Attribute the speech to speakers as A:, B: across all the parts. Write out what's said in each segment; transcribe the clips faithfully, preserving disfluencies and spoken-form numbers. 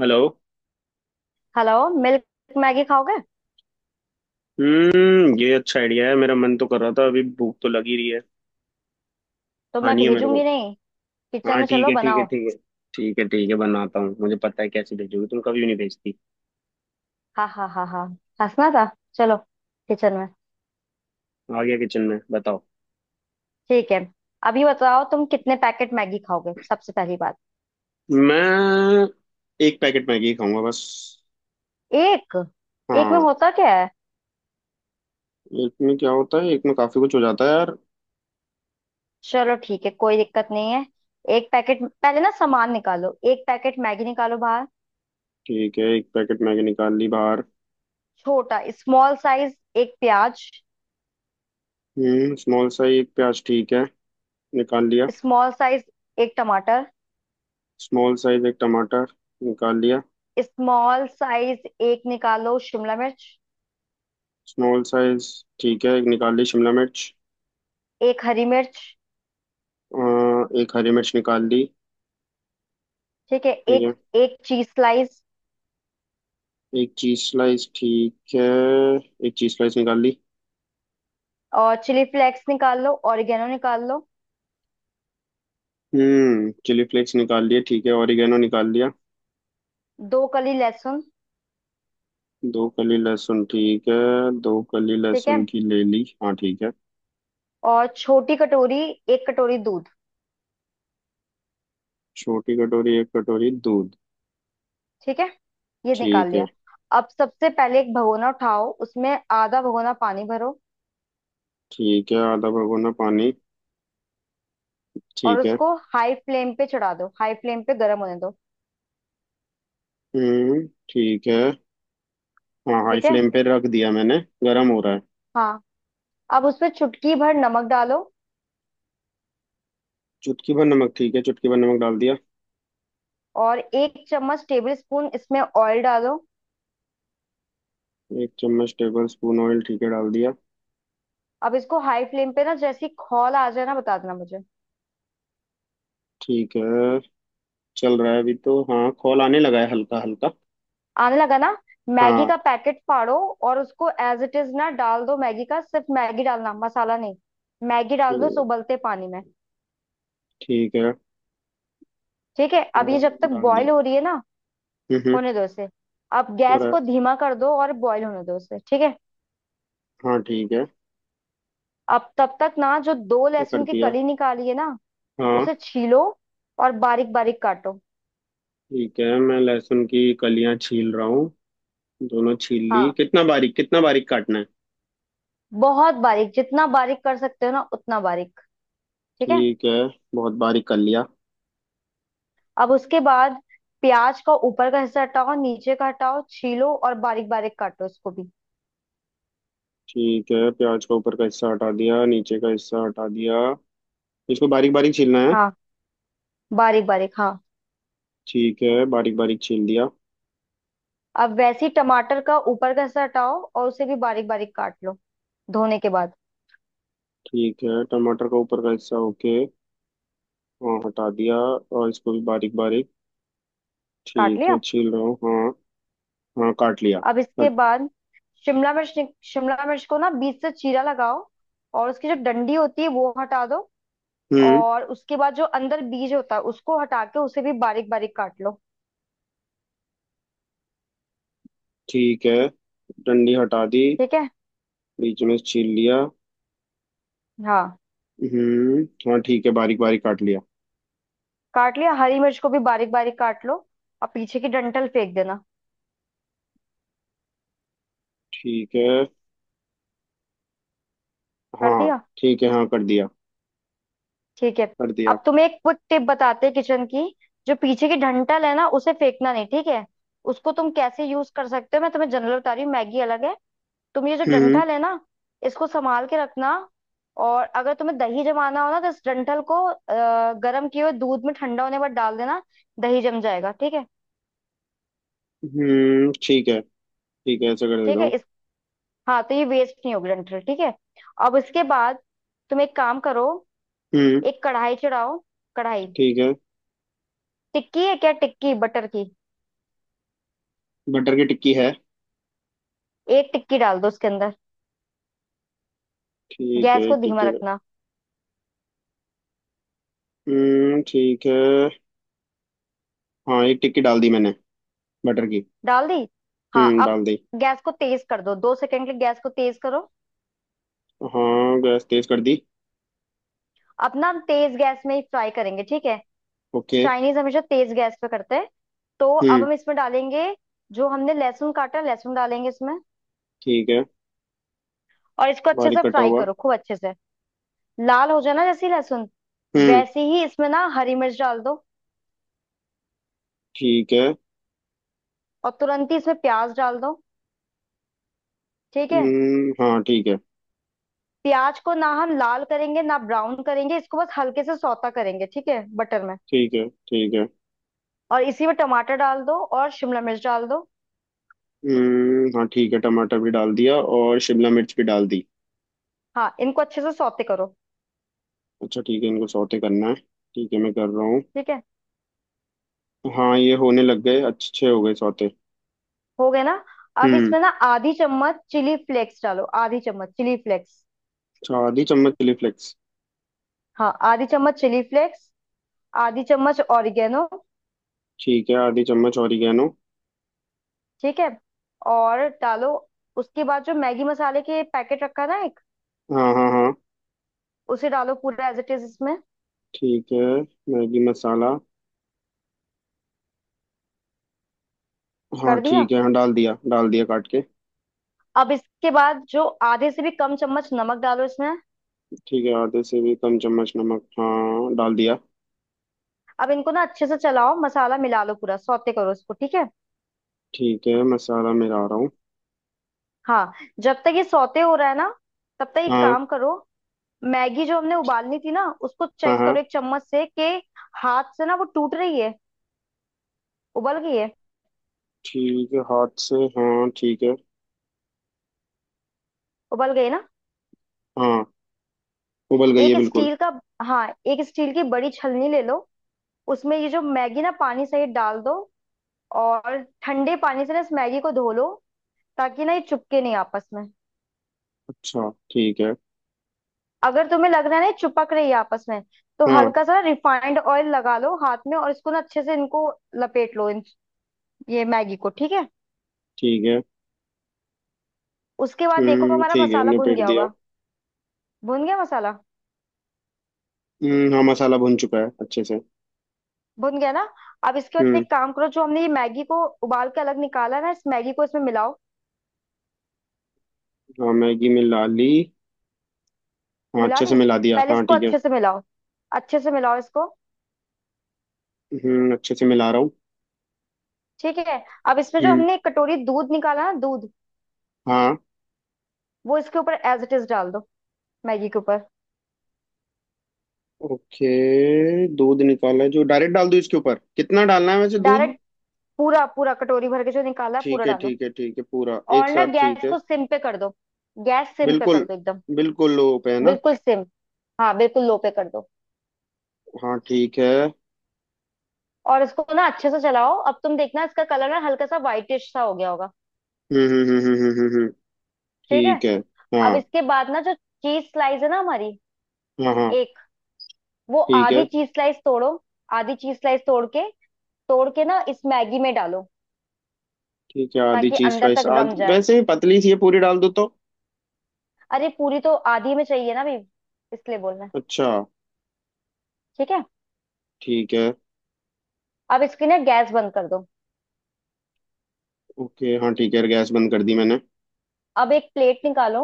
A: Hello.
B: Hello. Milk Maggi खाओगे?
A: हम्म, ये अच्छा आइडिया है। मेरा मन तो कर रहा था, अभी भूख तो लगी रही है।
B: तो मैं
A: खानी है मेरे को।
B: भेजूंगी नहीं। किचन
A: हाँ,
B: में
A: ठीक
B: चलो
A: है ठीक है
B: बनाओ।
A: ठीक है। ठीक है ठीक है, बनाता हूँ। मुझे पता है, कैसे भेजोगी तुम, कभी नहीं भेजती।
B: हाँ हाँ हाँ हाँ, हंसना था। चलो किचन में।
A: आ गया किचन में, बताओ।
B: ठीक है, अभी बताओ तुम कितने पैकेट मैगी खाओगे, सबसे पहली बात।
A: मैं एक पैकेट मैगी खाऊंगा बस।
B: एक? एक में
A: हाँ।
B: होता क्या है?
A: एक में क्या होता है, एक में काफी कुछ हो जाता है यार।
B: चलो ठीक है, कोई दिक्कत नहीं है। एक पैकेट, पहले ना सामान निकालो, एक पैकेट मैगी निकालो बाहर।
A: ठीक है, एक पैकेट मैगी निकाल ली बाहर।
B: छोटा स्मॉल साइज एक प्याज।
A: हम्म, स्मॉल साइज एक प्याज ठीक है। निकाल लिया।
B: स्मॉल साइज एक टमाटर।
A: स्मॉल साइज एक टमाटर निकाल लिया।
B: स्मॉल साइज एक निकालो शिमला मिर्च।
A: स्मॉल साइज ठीक है, एक निकाल ली शिमला मिर्च।
B: एक हरी मिर्च।
A: अ, एक हरी मिर्च निकाल ली।
B: ठीक है,
A: ठीक
B: एक
A: है।
B: एक चीज स्लाइस।
A: एक चीज स्लाइस ठीक है। एक चीज स्लाइस निकाल ली।
B: और चिली फ्लेक्स निकाल लो, ऑरिगेनो निकाल लो।
A: हम्म, चिली फ्लेक्स निकाल लिए ठीक है, ऑरिगेनो निकाल लिया।
B: दो कली लहसुन।
A: दो कली लहसुन ठीक है। दो कली
B: ठीक है,
A: लहसुन की ले ली, हाँ ठीक है।
B: और छोटी कटोरी, एक कटोरी दूध।
A: छोटी कटोरी एक कटोरी दूध
B: ठीक है, ये निकाल
A: ठीक है।
B: लिया। अब सबसे पहले एक भगोना उठाओ, उसमें आधा भगोना पानी भरो।
A: ठीक है आधा भगोना पानी,
B: और
A: ठीक है।
B: उसको हाई फ्लेम पे चढ़ा दो, हाई फ्लेम पे गर्म होने दो।
A: हम्म ठीक है। हाँ, हाई
B: ठीक है?
A: फ्लेम पे रख दिया मैंने। गरम हो रहा है।
B: हाँ। अब उसमें चुटकी भर नमक डालो।
A: चुटकी भर नमक ठीक है, चुटकी भर नमक डाल दिया।
B: और एक चम्मच टेबल स्पून इसमें ऑयल डालो।
A: एक चम्मच टेबल स्पून ऑयल ठीक है, डाल दिया।
B: अब इसको हाई फ्लेम पे ना, जैसी खौल आ जाए ना बता देना मुझे।
A: ठीक है। चल रहा है अभी तो। हाँ, कॉल आने लगा है हल्का हल्का।
B: आने लगा ना? मैगी
A: हाँ
B: का पैकेट फाड़ो। और उसको एज इट इज ना डाल दो। मैगी का सिर्फ मैगी डालना, मसाला नहीं। मैगी डाल दो इस
A: ठीक।
B: उबलते पानी में।
A: ठीक है।
B: ठीक है, अब ये
A: हाँ,
B: जब तक
A: डाल दी।
B: बॉईल हो रही है ना,
A: हम्म, हम्म।
B: होने दो इसे। अब
A: हो
B: गैस
A: रहा है।
B: को धीमा कर दो और बॉईल होने दो इसे, ठीक है?
A: हाँ ठीक है।
B: अब तब तक ना, जो दो
A: मैं कर
B: लहसुन की
A: दिया।
B: कली निकाली है ना,
A: हाँ
B: उसे छीलो और बारीक बारीक काटो।
A: ठीक है, मैं लहसुन की कलियां छील रहा हूँ। दोनों छील ली,
B: हाँ,
A: कितना बारीक, कितना बारीक काटना है?
B: बहुत बारीक, जितना बारीक कर सकते हो ना उतना बारीक। ठीक है।
A: ठीक है, बहुत बारीक कर लिया।
B: अब उसके बाद प्याज का ऊपर का हिस्सा हटाओ, नीचे का हटाओ, छीलो और बारीक बारीक काटो उसको भी।
A: ठीक है, प्याज का ऊपर का हिस्सा हटा दिया, नीचे का हिस्सा हटा दिया। इसको बारीक बारीक छीलना है?
B: हाँ, बारीक बारीक हाँ।
A: ठीक है, बारीक बारीक छील दिया।
B: अब वैसे ही टमाटर का ऊपर का हिस्सा हटाओ और उसे भी बारीक बारीक काट लो, धोने के बाद।
A: ठीक है, टमाटर का ऊपर का हिस्सा, ओके, हाँ, हटा दिया और इसको भी बारीक बारीक।
B: काट
A: ठीक है,
B: लिया।
A: छील रहा हूँ हाँ। हाँ, काट लिया।
B: अब इसके
A: कट।
B: बाद शिमला मिर्च निक- शिमला मिर्च को ना बीच से चीरा लगाओ, और उसकी जो डंडी होती है वो हटा दो।
A: हम्म।
B: और उसके बाद जो अंदर बीज होता है उसको हटा के उसे भी बारीक बारीक काट लो।
A: ठीक है, डंडी हटा दी।
B: ठीक है।
A: बीच में से छील लिया।
B: हाँ,
A: हम्म। हाँ ठीक है, बारीक बारीक काट लिया।
B: काट लिया। हरी मिर्च को भी बारीक बारीक काट लो, और पीछे की डंठल फेंक देना।
A: ठीक है।
B: कर
A: हाँ
B: दिया?
A: ठीक है, हाँ कर दिया।
B: ठीक है।
A: कर दिया।
B: अब तुम्हें एक क्विक टिप बताते हैं किचन की। जो पीछे की डंठल है ना, उसे फेंकना नहीं, ठीक है। उसको तुम कैसे यूज कर सकते हो, मैं तुम्हें जनरल बता रही हूँ, मैगी अलग है। तुम ये जो
A: हम्म।
B: डंठल है ना, इसको संभाल के रखना। और अगर तुम्हें दही जमाना हो ना, तो इस डंठल को अ, गर्म किए हुए दूध में ठंडा होने पर डाल देना। दही जम जाएगा, ठीक है।
A: हम्म, ठीक है। ठीक है, ऐसा कर
B: ठीक
A: देता
B: है
A: हूँ।
B: इस, हाँ, तो ये वेस्ट नहीं होगी डंठल, ठीक है। अब इसके बाद तुम एक काम करो,
A: हम्म
B: एक कढ़ाई चढ़ाओ। कढ़ाई।
A: ठीक है।
B: टिक्की है क्या? टिक्की बटर की।
A: बटर की टिक्की है।
B: एक टिक्की डाल दो उसके अंदर।
A: ठीक है,
B: गैस को
A: एक
B: धीमा
A: टिक्की।
B: रखना।
A: हम्म ठीक है। हाँ, एक टिक्की डाल दी मैंने, बटर की।
B: डाल दी? हाँ,
A: हम्म,
B: अब
A: डाल दी।
B: गैस को तेज कर दो, दो सेकंड के लिए गैस को तेज करो।
A: हाँ, गैस तेज कर दी।
B: अपना हम तेज गैस में ही फ्राई करेंगे, ठीक है।
A: ओके।
B: चाइनीज हमेशा तेज गैस पे करते हैं। तो अब
A: हम्म
B: हम इसमें डालेंगे जो हमने लहसुन काटा, लहसुन डालेंगे इसमें।
A: ठीक है।
B: और इसको अच्छे
A: बारीक
B: से
A: कटा
B: फ्राई
A: हुआ।
B: करो, खूब अच्छे से। लाल हो जाए ना जैसे ही लहसुन,
A: हम्म।
B: वैसे ही इसमें ना हरी मिर्च डाल दो।
A: ठीक है।
B: और तुरंत ही इसमें प्याज डाल दो। ठीक है?
A: हम्म हाँ ठीक है।
B: प्याज को ना हम लाल करेंगे ना ब्राउन करेंगे, इसको बस हल्के से सौता करेंगे, ठीक है, बटर में।
A: ठीक है ठीक है।
B: और इसी में टमाटर डाल दो और शिमला मिर्च डाल दो।
A: हम्म हाँ ठीक है, टमाटर भी डाल दिया और शिमला मिर्च भी डाल दी।
B: हाँ, इनको अच्छे से सौते करो।
A: अच्छा ठीक है, इनको सौते करना है। ठीक है, मैं कर रहा हूँ।
B: ठीक है,
A: हाँ, ये होने लग गए, अच्छे हो गए सौते।
B: हो गए ना? अब
A: हम्म,
B: इसमें ना आधी चम्मच चिली फ्लेक्स डालो, आधी चम्मच चिली फ्लेक्स।
A: अच्छा, आधी चम्मच चिली फ्लेक्स।
B: हाँ, आधी चम्मच चिली फ्लेक्स, आधी चम्मच ऑरिगेनो।
A: ठीक है, आधी चम्मच ऑरिगेनो।
B: ठीक है, और डालो। उसके बाद जो मैगी मसाले के पैकेट रखा ना एक,
A: हाँ हाँ हाँ।
B: उसे डालो पूरा एज इट इज इसमें।
A: ठीक है, मैगी मसाला। हाँ
B: कर दिया?
A: ठीक है, हाँ डाल दिया, डाल दिया काट के।
B: अब इसके बाद जो आधे से भी कम चम्मच नमक डालो इसमें।
A: ठीक है, आधे से भी कम चम्मच नमक, हाँ डाल दिया।
B: अब इनको ना अच्छे से चलाओ, मसाला मिला लो पूरा, सौते करो इसको, ठीक है।
A: ठीक है, मसाला मेरा आ रहा हूँ।
B: हाँ, जब तक ये सौते हो रहा है ना, तब तक एक
A: हाँ
B: काम करो, मैगी जो हमने उबालनी थी ना, उसको
A: हाँ
B: चेक
A: हाँ।
B: करो एक चम्मच से कि हाथ से ना वो टूट रही है, उबल गई है।
A: ठीक है, हाथ से हाँ ठीक है।
B: उबल गई है ना?
A: हाँ, उबल गई
B: एक
A: है बिल्कुल।
B: स्टील का, हाँ एक स्टील की बड़ी छलनी ले लो। उसमें ये जो मैगी ना पानी सहित डाल दो। और ठंडे पानी से ना इस मैगी को धो लो, ताकि ना ये चिपके नहीं आपस में।
A: अच्छा ठीक है।
B: अगर तुम्हें लग रहा है ना ये चिपक रही है आपस में, तो
A: हाँ
B: हल्का सा रिफाइंड ऑयल लगा लो हाथ में और इसको ना अच्छे से, इनको लपेट लो इन, ये मैगी को, ठीक है।
A: ठीक है।
B: उसके बाद देखो
A: हम्म
B: हमारा
A: ठीक है,
B: मसाला भुन
A: निपेट
B: गया
A: दिया।
B: होगा। भुन गया मसाला,
A: हम्म हाँ, मसाला भुन चुका है अच्छे से।
B: भुन गया ना? अब इसके बाद
A: हम्म
B: एक काम करो, जो हमने ये मैगी को उबाल के अलग निकाला है ना, इस मैगी को इसमें मिलाओ।
A: हाँ, मैगी मिला ली। हाँ,
B: मिला
A: अच्छे से
B: ली?
A: मिला दिया,
B: पहले
A: हाँ
B: इसको
A: ठीक है।
B: अच्छे से मिलाओ, अच्छे से मिलाओ इसको।
A: हम्म, अच्छे से मिला रहा हूँ।
B: ठीक है। अब इसमें जो
A: हम्म।
B: हमने एक कटोरी दूध निकाला ना, दूध,
A: हाँ,
B: वो इसके ऊपर एज इट इज डाल दो, मैगी के ऊपर।
A: ओके। दूध निकाला है जो डायरेक्ट डाल दूँ इसके ऊपर, कितना डालना है वैसे दूध?
B: डायरेक्ट, पूरा, पूरा कटोरी भर के जो निकाला है पूरा
A: ठीक है
B: डालो।
A: ठीक है ठीक है, पूरा एक
B: और ना
A: साथ ठीक
B: गैस
A: है।
B: को सिम पे कर दो, गैस सिम पे
A: बिल्कुल।
B: कर दो एकदम,
A: बिल्कुल लो पे है ना।
B: बिल्कुल सिम, हाँ बिल्कुल लो पे कर दो।
A: हाँ ठीक है।
B: और इसको ना अच्छे से चलाओ, अब तुम देखना इसका कलर ना हल्का सा व्हाइटिश सा हो गया होगा।
A: हम्म हम्म हम्म हम्म हम्म हम्म, हम्म।
B: ठीक है।
A: ठीक है।
B: अब
A: हाँ
B: इसके बाद ना जो चीज स्लाइस है ना हमारी,
A: हाँ हाँ।
B: एक, वो
A: ठीक है।
B: आधी चीज स्लाइस तोड़ो, आधी चीज स्लाइस तोड़ के, तोड़ के ना इस मैगी में डालो,
A: ठीक है आधी
B: ताकि
A: चीज
B: अंदर
A: स्लाइस,
B: तक रम
A: आधी
B: जाए।
A: वैसे ही पतली सी है, पूरी डाल दो तो।
B: अरे पूरी तो आधी में चाहिए ना अभी, इसलिए बोल रहे हैं।
A: अच्छा
B: ठीक है।
A: ठीक है।
B: अब इसकी ना गैस बंद कर दो।
A: ओके हाँ ठीक है, गैस बंद कर दी मैंने।
B: अब एक प्लेट निकालो।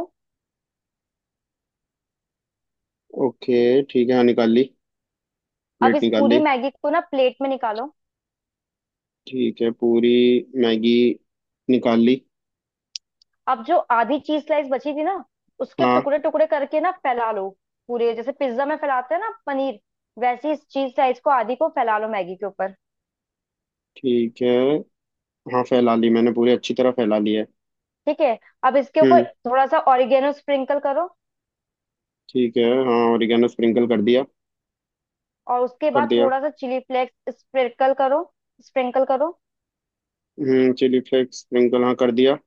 A: ओके ठीक है, हाँ निकाल ली,
B: अब
A: प्लेट
B: इस
A: निकाल
B: पूरी
A: ली।
B: मैगी को ना प्लेट में निकालो।
A: ठीक है, पूरी मैगी निकाल ली।
B: अब जो आधी चीज स्लाइस बची थी ना, उसके
A: हाँ
B: टुकड़े टुकड़े करके ना फैला लो पूरे, जैसे पिज्जा में फैलाते हैं ना पनीर, वैसे इस चीज स्लाइस को आधी को फैला लो मैगी के ऊपर।
A: ठीक है। हाँ, फैला ली मैंने पूरी, अच्छी तरह फैला ली है।
B: ठीक है। अब इसके
A: हम्म
B: ऊपर थोड़ा सा ऑरिगेनो स्प्रिंकल करो।
A: ठीक है। हाँ, ओरिगेनो स्प्रिंकल कर दिया।
B: और उसके
A: कर
B: बाद
A: दिया।
B: थोड़ा सा चिली फ्लेक्स स्प्रिंकल करो, स्प्रिंकल करो।
A: हम्म, चिली फ्लेक्स स्प्रिंकल हाँ कर दिया।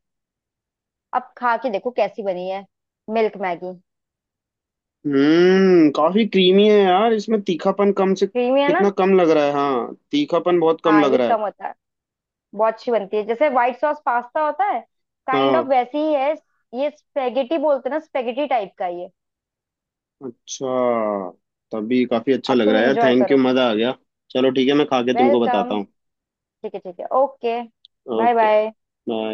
B: अब खा के देखो कैसी बनी है, मिल्क मैगी।
A: हम्म, काफी क्रीमी है यार, इसमें तीखापन कम से
B: क्रीमी है ना?
A: कितना कम लग रहा है, हाँ तीखापन बहुत कम
B: हाँ
A: लग
B: ये
A: रहा है।
B: कम होता है। बहुत अच्छी बनती है, जैसे व्हाइट सॉस पास्ता होता है, काइंड ऑफ
A: हाँ।
B: वैसी ही है। ये स्पेगेटी बोलते हैं ना, स्पेगेटी टाइप का ये।
A: अच्छा, तभी काफी अच्छा
B: अब
A: लग
B: तुम
A: रहा है।
B: एंजॉय
A: थैंक यू,
B: करो।
A: मजा आ गया। चलो ठीक है, मैं खा के तुमको बताता
B: वेलकम।
A: हूँ।
B: ठीक है ठीक है okay, bye
A: okay,
B: bye.
A: Bye.